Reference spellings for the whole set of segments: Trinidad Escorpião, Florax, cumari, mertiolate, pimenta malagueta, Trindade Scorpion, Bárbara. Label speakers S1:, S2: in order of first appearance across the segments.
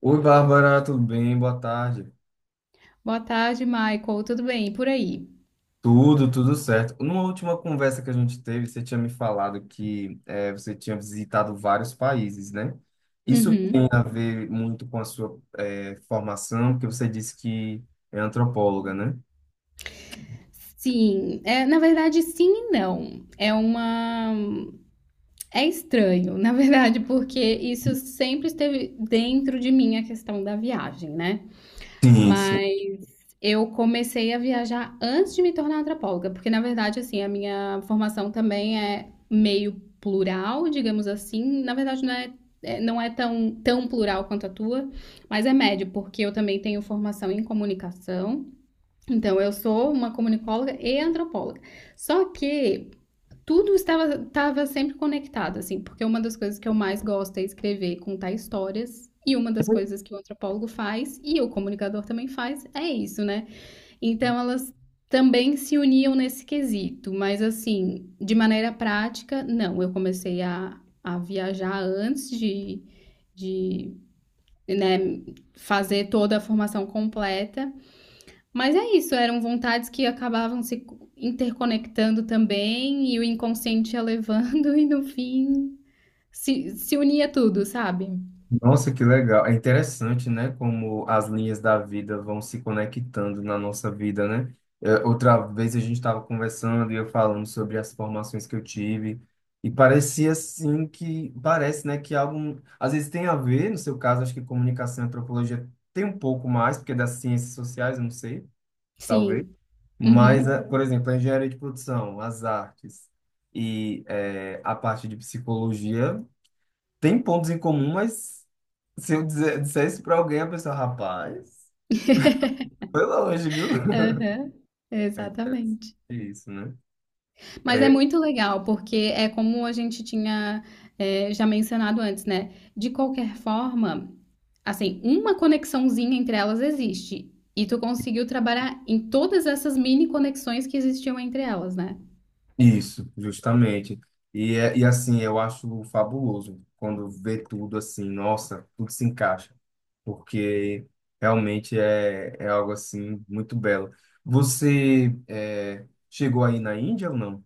S1: Oi, Bárbara, tudo bem? Boa tarde.
S2: Boa tarde, Michael. Tudo bem? E por aí?
S1: Tudo certo. Numa última conversa que a gente teve, você tinha me falado que você tinha visitado vários países, né? Isso
S2: Uhum.
S1: tem a ver muito com a sua formação, porque você disse que é antropóloga, né?
S2: Sim, na verdade, sim e não. É uma. É estranho, na verdade, porque isso sempre esteve dentro de mim a questão da viagem, né?
S1: Sim, sim.
S2: Mas eu comecei a viajar antes de me tornar antropóloga, porque na verdade, assim, a minha formação também é meio plural, digamos assim. Na verdade, não é, não é tão plural quanto a tua, mas é médio, porque eu também tenho formação em comunicação. Então, eu sou uma comunicóloga e antropóloga. Só que tudo estava sempre conectado, assim, porque uma das coisas que eu mais gosto é escrever, contar histórias. E uma das coisas que o antropólogo faz, e o comunicador também faz, é isso, né? Então, elas também se uniam nesse quesito, mas assim, de maneira prática, não. Eu comecei a viajar antes de né, fazer toda a formação completa. Mas é isso, eram vontades que acabavam se interconectando também, e o inconsciente ia levando, e no fim se unia tudo, sabe?
S1: Nossa, que legal. É interessante, né? Como as linhas da vida vão se conectando na nossa vida, né? É, outra vez a gente estava conversando e eu falando sobre as formações que eu tive e parecia assim que parece, né, que algo às vezes tem a ver, no seu caso, acho que comunicação e antropologia tem um pouco mais, porque é das ciências sociais, eu não sei, talvez.
S2: Sim.
S1: Mas,
S2: Uhum.
S1: é, por exemplo, a engenharia de produção, as artes e é, a parte de psicologia tem pontos em comum, mas se eu disser isso pra alguém, a pessoa, rapaz, foi longe, viu?
S2: Aham.
S1: É interessante
S2: Exatamente.
S1: isso, né?
S2: Mas é
S1: É
S2: muito legal, porque é como a gente tinha, já mencionado antes, né? De qualquer forma, assim, uma conexãozinha entre elas existe. E tu conseguiu trabalhar em todas essas mini conexões que existiam entre elas, né?
S1: isso, justamente. E, e assim, eu acho fabuloso quando vê tudo assim, nossa, tudo se encaixa, porque realmente é algo assim muito belo. Você chegou aí na Índia ou não?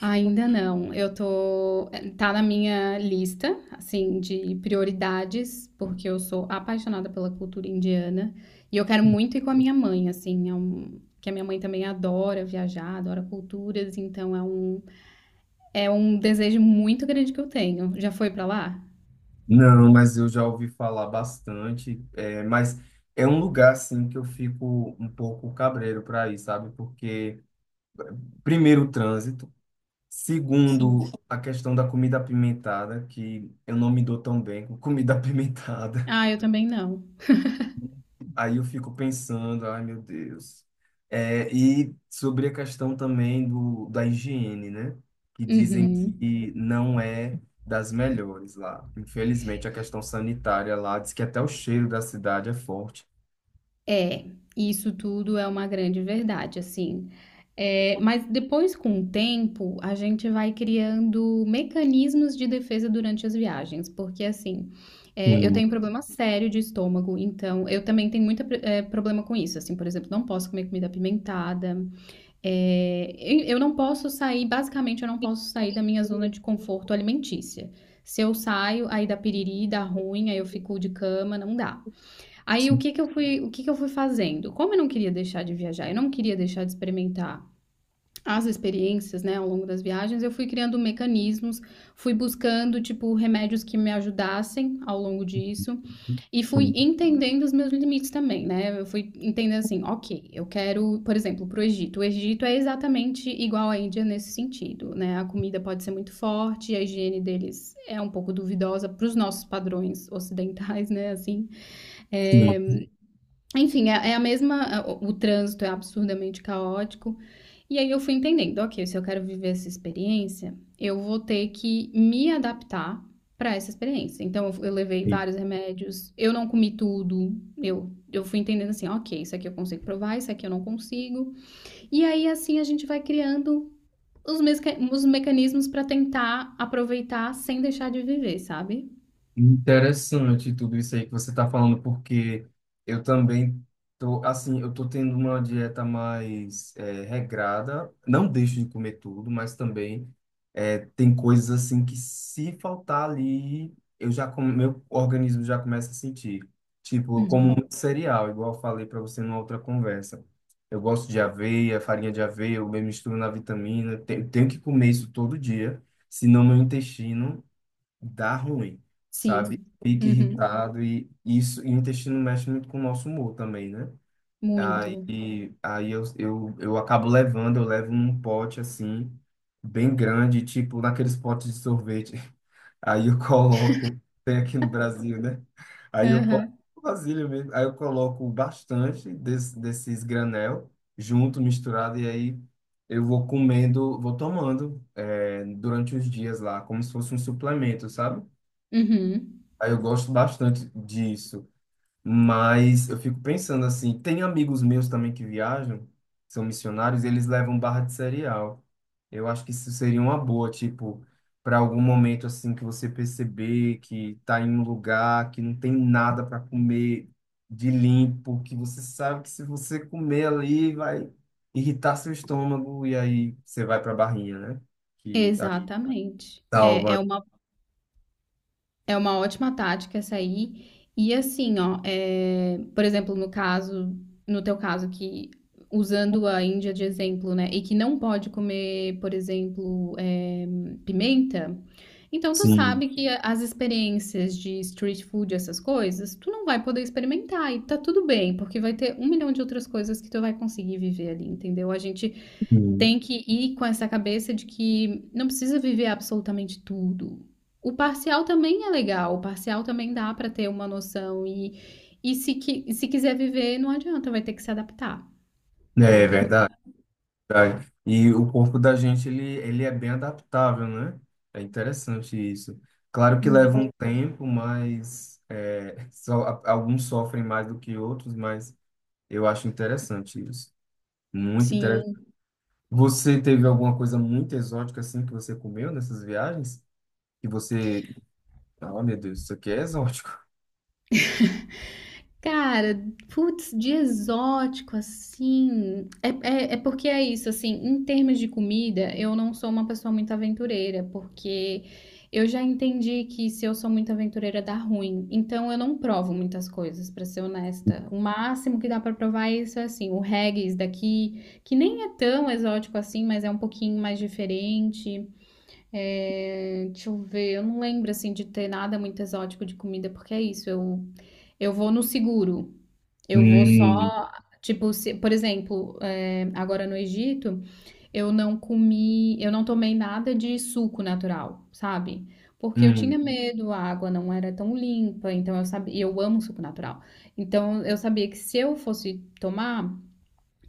S2: Ainda não. Eu tô, tá na minha lista, assim, de prioridades, porque eu sou apaixonada pela cultura indiana e eu quero muito ir com a minha mãe, assim, é um, que a minha mãe também adora viajar, adora culturas, então é um desejo muito grande que eu tenho. Já foi pra lá?
S1: Não, mas eu já ouvi falar bastante, é, mas é um lugar assim que eu fico um pouco cabreiro para ir, sabe? Porque primeiro o trânsito,
S2: Sim.
S1: segundo a questão da comida apimentada, que eu não me dou tão bem com comida apimentada.
S2: Ah, eu também não.
S1: Aí eu fico pensando, ai meu Deus. É, e sobre a questão também da higiene, né? Que dizem
S2: Uhum.
S1: que não é das melhores lá. Infelizmente, a questão sanitária lá diz que até o cheiro da cidade é forte.
S2: É, isso tudo é uma grande verdade, assim. É, mas depois, com o tempo, a gente vai criando mecanismos de defesa durante as viagens, porque assim, é, eu
S1: Sim,
S2: tenho um problema sério de estômago, então eu também tenho muito é, problema com isso. Assim, por exemplo, não posso comer comida apimentada, é, eu não posso sair, basicamente, eu não posso sair da minha zona de conforto alimentícia. Se eu saio, aí dá piriri, dá ruim, aí eu fico de cama, não dá. Aí o
S1: sim,
S2: que que eu fui, o que que eu fui fazendo? Como eu não queria deixar de viajar, eu não queria deixar de experimentar as experiências, né, ao longo das viagens, eu fui criando mecanismos, fui buscando, tipo, remédios que me ajudassem ao longo disso e fui
S1: sim.
S2: entendendo os meus limites também, né? Eu fui entendendo assim, ok, eu quero, por exemplo, pro Egito. O Egito é exatamente igual à Índia nesse sentido, né? A comida pode ser muito forte, a higiene deles é um pouco duvidosa para os nossos padrões ocidentais, né, assim. É, enfim, é a mesma é, o trânsito é absurdamente caótico. E aí eu fui entendendo: "Ok, se eu quero viver essa experiência, eu vou ter que me adaptar para essa experiência". Então eu levei
S1: Sim.
S2: vários remédios, eu não comi tudo, eu fui entendendo assim: "Ok, isso aqui eu consigo provar, isso aqui eu não consigo". E aí, assim, a gente vai criando os mecanismos para tentar aproveitar sem deixar de viver, sabe?
S1: Interessante tudo isso aí que você está falando, porque eu também tô assim, eu tô tendo uma dieta mais regrada. Não deixo de comer tudo, mas também tem coisas assim que se faltar ali, eu já meu organismo já começa a sentir. Tipo, eu como
S2: Uhum.
S1: muito cereal, igual eu falei para você numa outra conversa. Eu gosto de aveia, farinha de aveia, eu mesmo misturo na vitamina. Tenho que comer isso todo dia, senão meu intestino dá ruim, sabe?
S2: Sim.
S1: Fica
S2: Uhum.
S1: irritado e isso, e o intestino mexe muito com o nosso humor também, né?
S2: Muito.
S1: Aí, eu acabo levando, eu levo num pote assim, bem grande, tipo naqueles potes de sorvete. Aí eu coloco, tem aqui no Brasil, né? Aí eu coloco
S2: Aham.
S1: vasilha mesmo, aí eu coloco bastante desses granel junto, misturado, e aí eu vou comendo, vou tomando durante os dias lá, como se fosse um suplemento, sabe?
S2: Uhum.
S1: Aí eu gosto bastante disso, mas eu fico pensando assim, tem amigos meus também que viajam, são missionários, e eles levam barra de cereal. Eu acho que isso seria uma boa, tipo, para algum momento assim que você perceber que tá em um lugar que não tem nada para comer de limpo, que você sabe que se você comer ali vai irritar seu estômago e aí você vai para a barrinha, né? Que a-
S2: Exatamente. É,
S1: Salva.
S2: é uma ótima tática essa aí. E assim, ó, é, por exemplo, no caso, no teu caso que usando a Índia de exemplo, né, e que não pode comer, por exemplo, é, pimenta, então tu
S1: Sim.
S2: sabe que as experiências de street food, essas coisas, tu não vai poder experimentar e tá tudo bem, porque vai ter um milhão de outras coisas que tu vai conseguir viver ali, entendeu? A gente
S1: Sim.
S2: tem que ir com essa cabeça de que não precisa viver absolutamente tudo. O parcial também é legal, o parcial também dá para ter uma noção e se, se quiser viver, não adianta, vai ter que se adaptar. Não
S1: É
S2: tem outra.
S1: verdade. Tá. E o corpo da gente, ele é bem adaptável, né? É interessante isso. Claro que leva
S2: Muito.
S1: um tempo, mas é, só, alguns sofrem mais do que outros, mas eu acho interessante isso. Muito interessante.
S2: Sim.
S1: Você teve alguma coisa muito exótica assim que você comeu nessas viagens? Que você. Ah, meu Deus, isso aqui é exótico.
S2: Cara, putz, de exótico, assim. É, é porque é isso, assim, em termos de comida, eu não sou uma pessoa muito aventureira, porque eu já entendi que se eu sou muito aventureira dá ruim. Então eu não provo muitas coisas, pra ser honesta. O máximo que dá pra provar é isso, é assim, o haggis daqui, que nem é tão exótico assim, mas é um pouquinho mais diferente. É, deixa eu ver, eu não lembro assim de ter nada muito exótico de comida, porque é isso, eu vou no seguro. Eu vou
S1: Hum,
S2: só, tipo, por exemplo, é, agora no Egito, eu não comi, eu não tomei nada de suco natural, sabe? Porque eu
S1: hum.
S2: tinha medo, a água não era tão limpa, então eu sabia, e eu amo suco natural. Então eu sabia que se eu fosse tomar,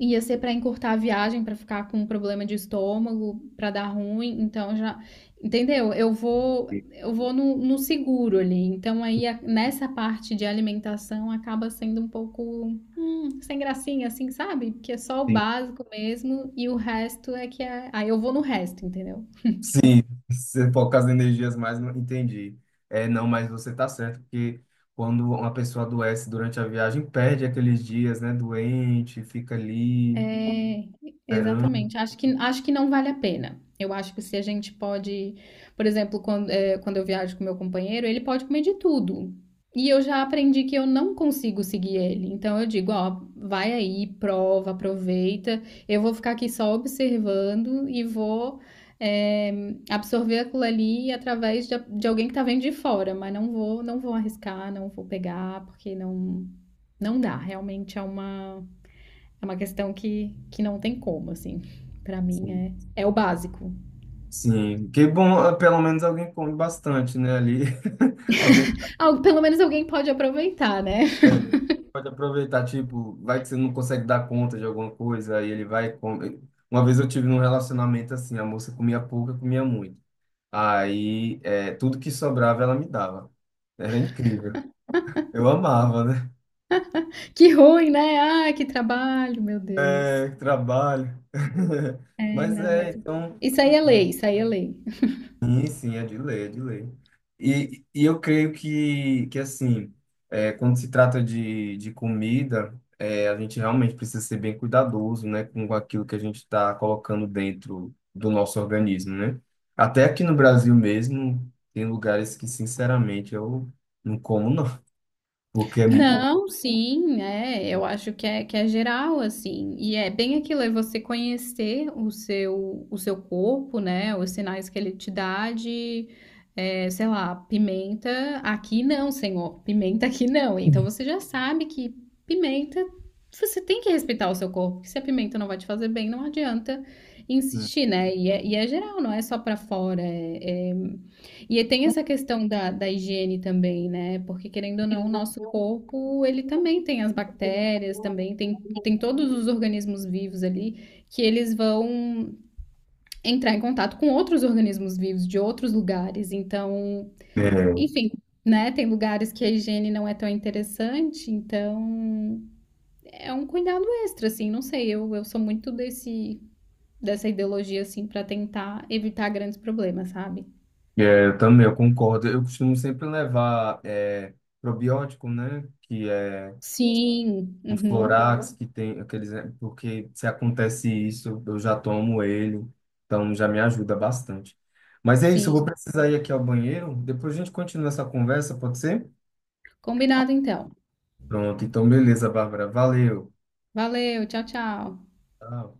S2: ia ser pra encurtar a viagem, pra ficar com um problema de estômago, pra dar ruim, então já, entendeu? Eu vou no, no seguro ali. Então aí nessa parte de alimentação acaba sendo um pouco sem gracinha, assim, sabe? Porque é só o básico mesmo e o resto é que é. Aí eu vou no resto, entendeu?
S1: Sim, você foca as energias mais, não entendi. É, não, mas você está certo, porque quando uma pessoa adoece durante a viagem, perde aqueles dias, né, doente, fica ali
S2: É,
S1: esperando.
S2: exatamente. Acho que não vale a pena. Eu acho que se a gente pode, por exemplo, quando, quando eu viajo com meu companheiro, ele pode comer de tudo. E eu já aprendi que eu não consigo seguir ele. Então eu digo, ó, vai aí, prova, aproveita. Eu vou ficar aqui só observando e vou, absorver aquilo ali através de alguém que tá vendo de fora, mas não vou arriscar, não vou pegar, porque não, não dá. Realmente é uma questão que não tem como, assim. Pra mim
S1: Sim,
S2: é, é o básico.
S1: sim. Que bom, ah, pelo menos alguém come bastante, né, ali. Alguém
S2: Ah, pelo menos alguém pode aproveitar, né?
S1: é, pode aproveitar, tipo, vai que você não consegue dar conta de alguma coisa, aí ele vai e come. Uma vez eu tive num relacionamento assim, a moça comia pouco, eu comia muito. Aí, é, tudo que sobrava ela me dava. Era incrível. Eu amava, né?
S2: Que ruim, né? Ah, que trabalho, meu Deus.
S1: É, trabalho.
S2: É,
S1: Mas
S2: não,
S1: é,
S2: mas
S1: então,
S2: isso aí é
S1: é,
S2: lei, isso aí é lei.
S1: sim, sim, é de lei, é de lei. E eu creio que assim, é, quando se trata de comida, é, a gente realmente precisa ser bem cuidadoso, né, com aquilo que a gente está colocando dentro do nosso organismo, né? Até aqui no Brasil mesmo, tem lugares que, sinceramente, eu não como, não, porque é muito.
S2: Não, sim, é, eu acho que é geral, assim, e é bem aquilo, é você conhecer o seu corpo, né, os sinais que ele te dá de, é, sei lá, pimenta, aqui não, senhor, pimenta aqui não, então você já sabe que pimenta, você tem que respeitar o seu corpo, porque se a pimenta não vai te fazer bem, não adianta insistir, né, e é geral, não é só pra fora, é, é e tem essa questão da, da higiene também, né? Porque querendo ou não, o nosso corpo, ele também tem as bactérias, também tem, tem todos os organismos vivos ali que eles vão entrar em contato com outros organismos vivos de outros lugares. Então, enfim, né? Tem lugares que a higiene não é tão interessante, então é um cuidado extra, assim. Não sei, eu sou muito desse dessa ideologia assim para tentar evitar grandes problemas, sabe?
S1: É, eu também, eu concordo. Eu costumo sempre levar é, probiótico, né? Que é
S2: Sim,
S1: um
S2: uhum,
S1: Florax, que tem aqueles. É, porque se acontece isso, eu já tomo ele, então já me ajuda bastante. Mas é isso, eu vou
S2: sim.
S1: precisar ir aqui ao banheiro. Depois a gente continua essa conversa, pode ser?
S2: Combinado então.
S1: Pronto, então beleza, Bárbara. Valeu.
S2: Valeu, tchau, tchau.
S1: Tchau.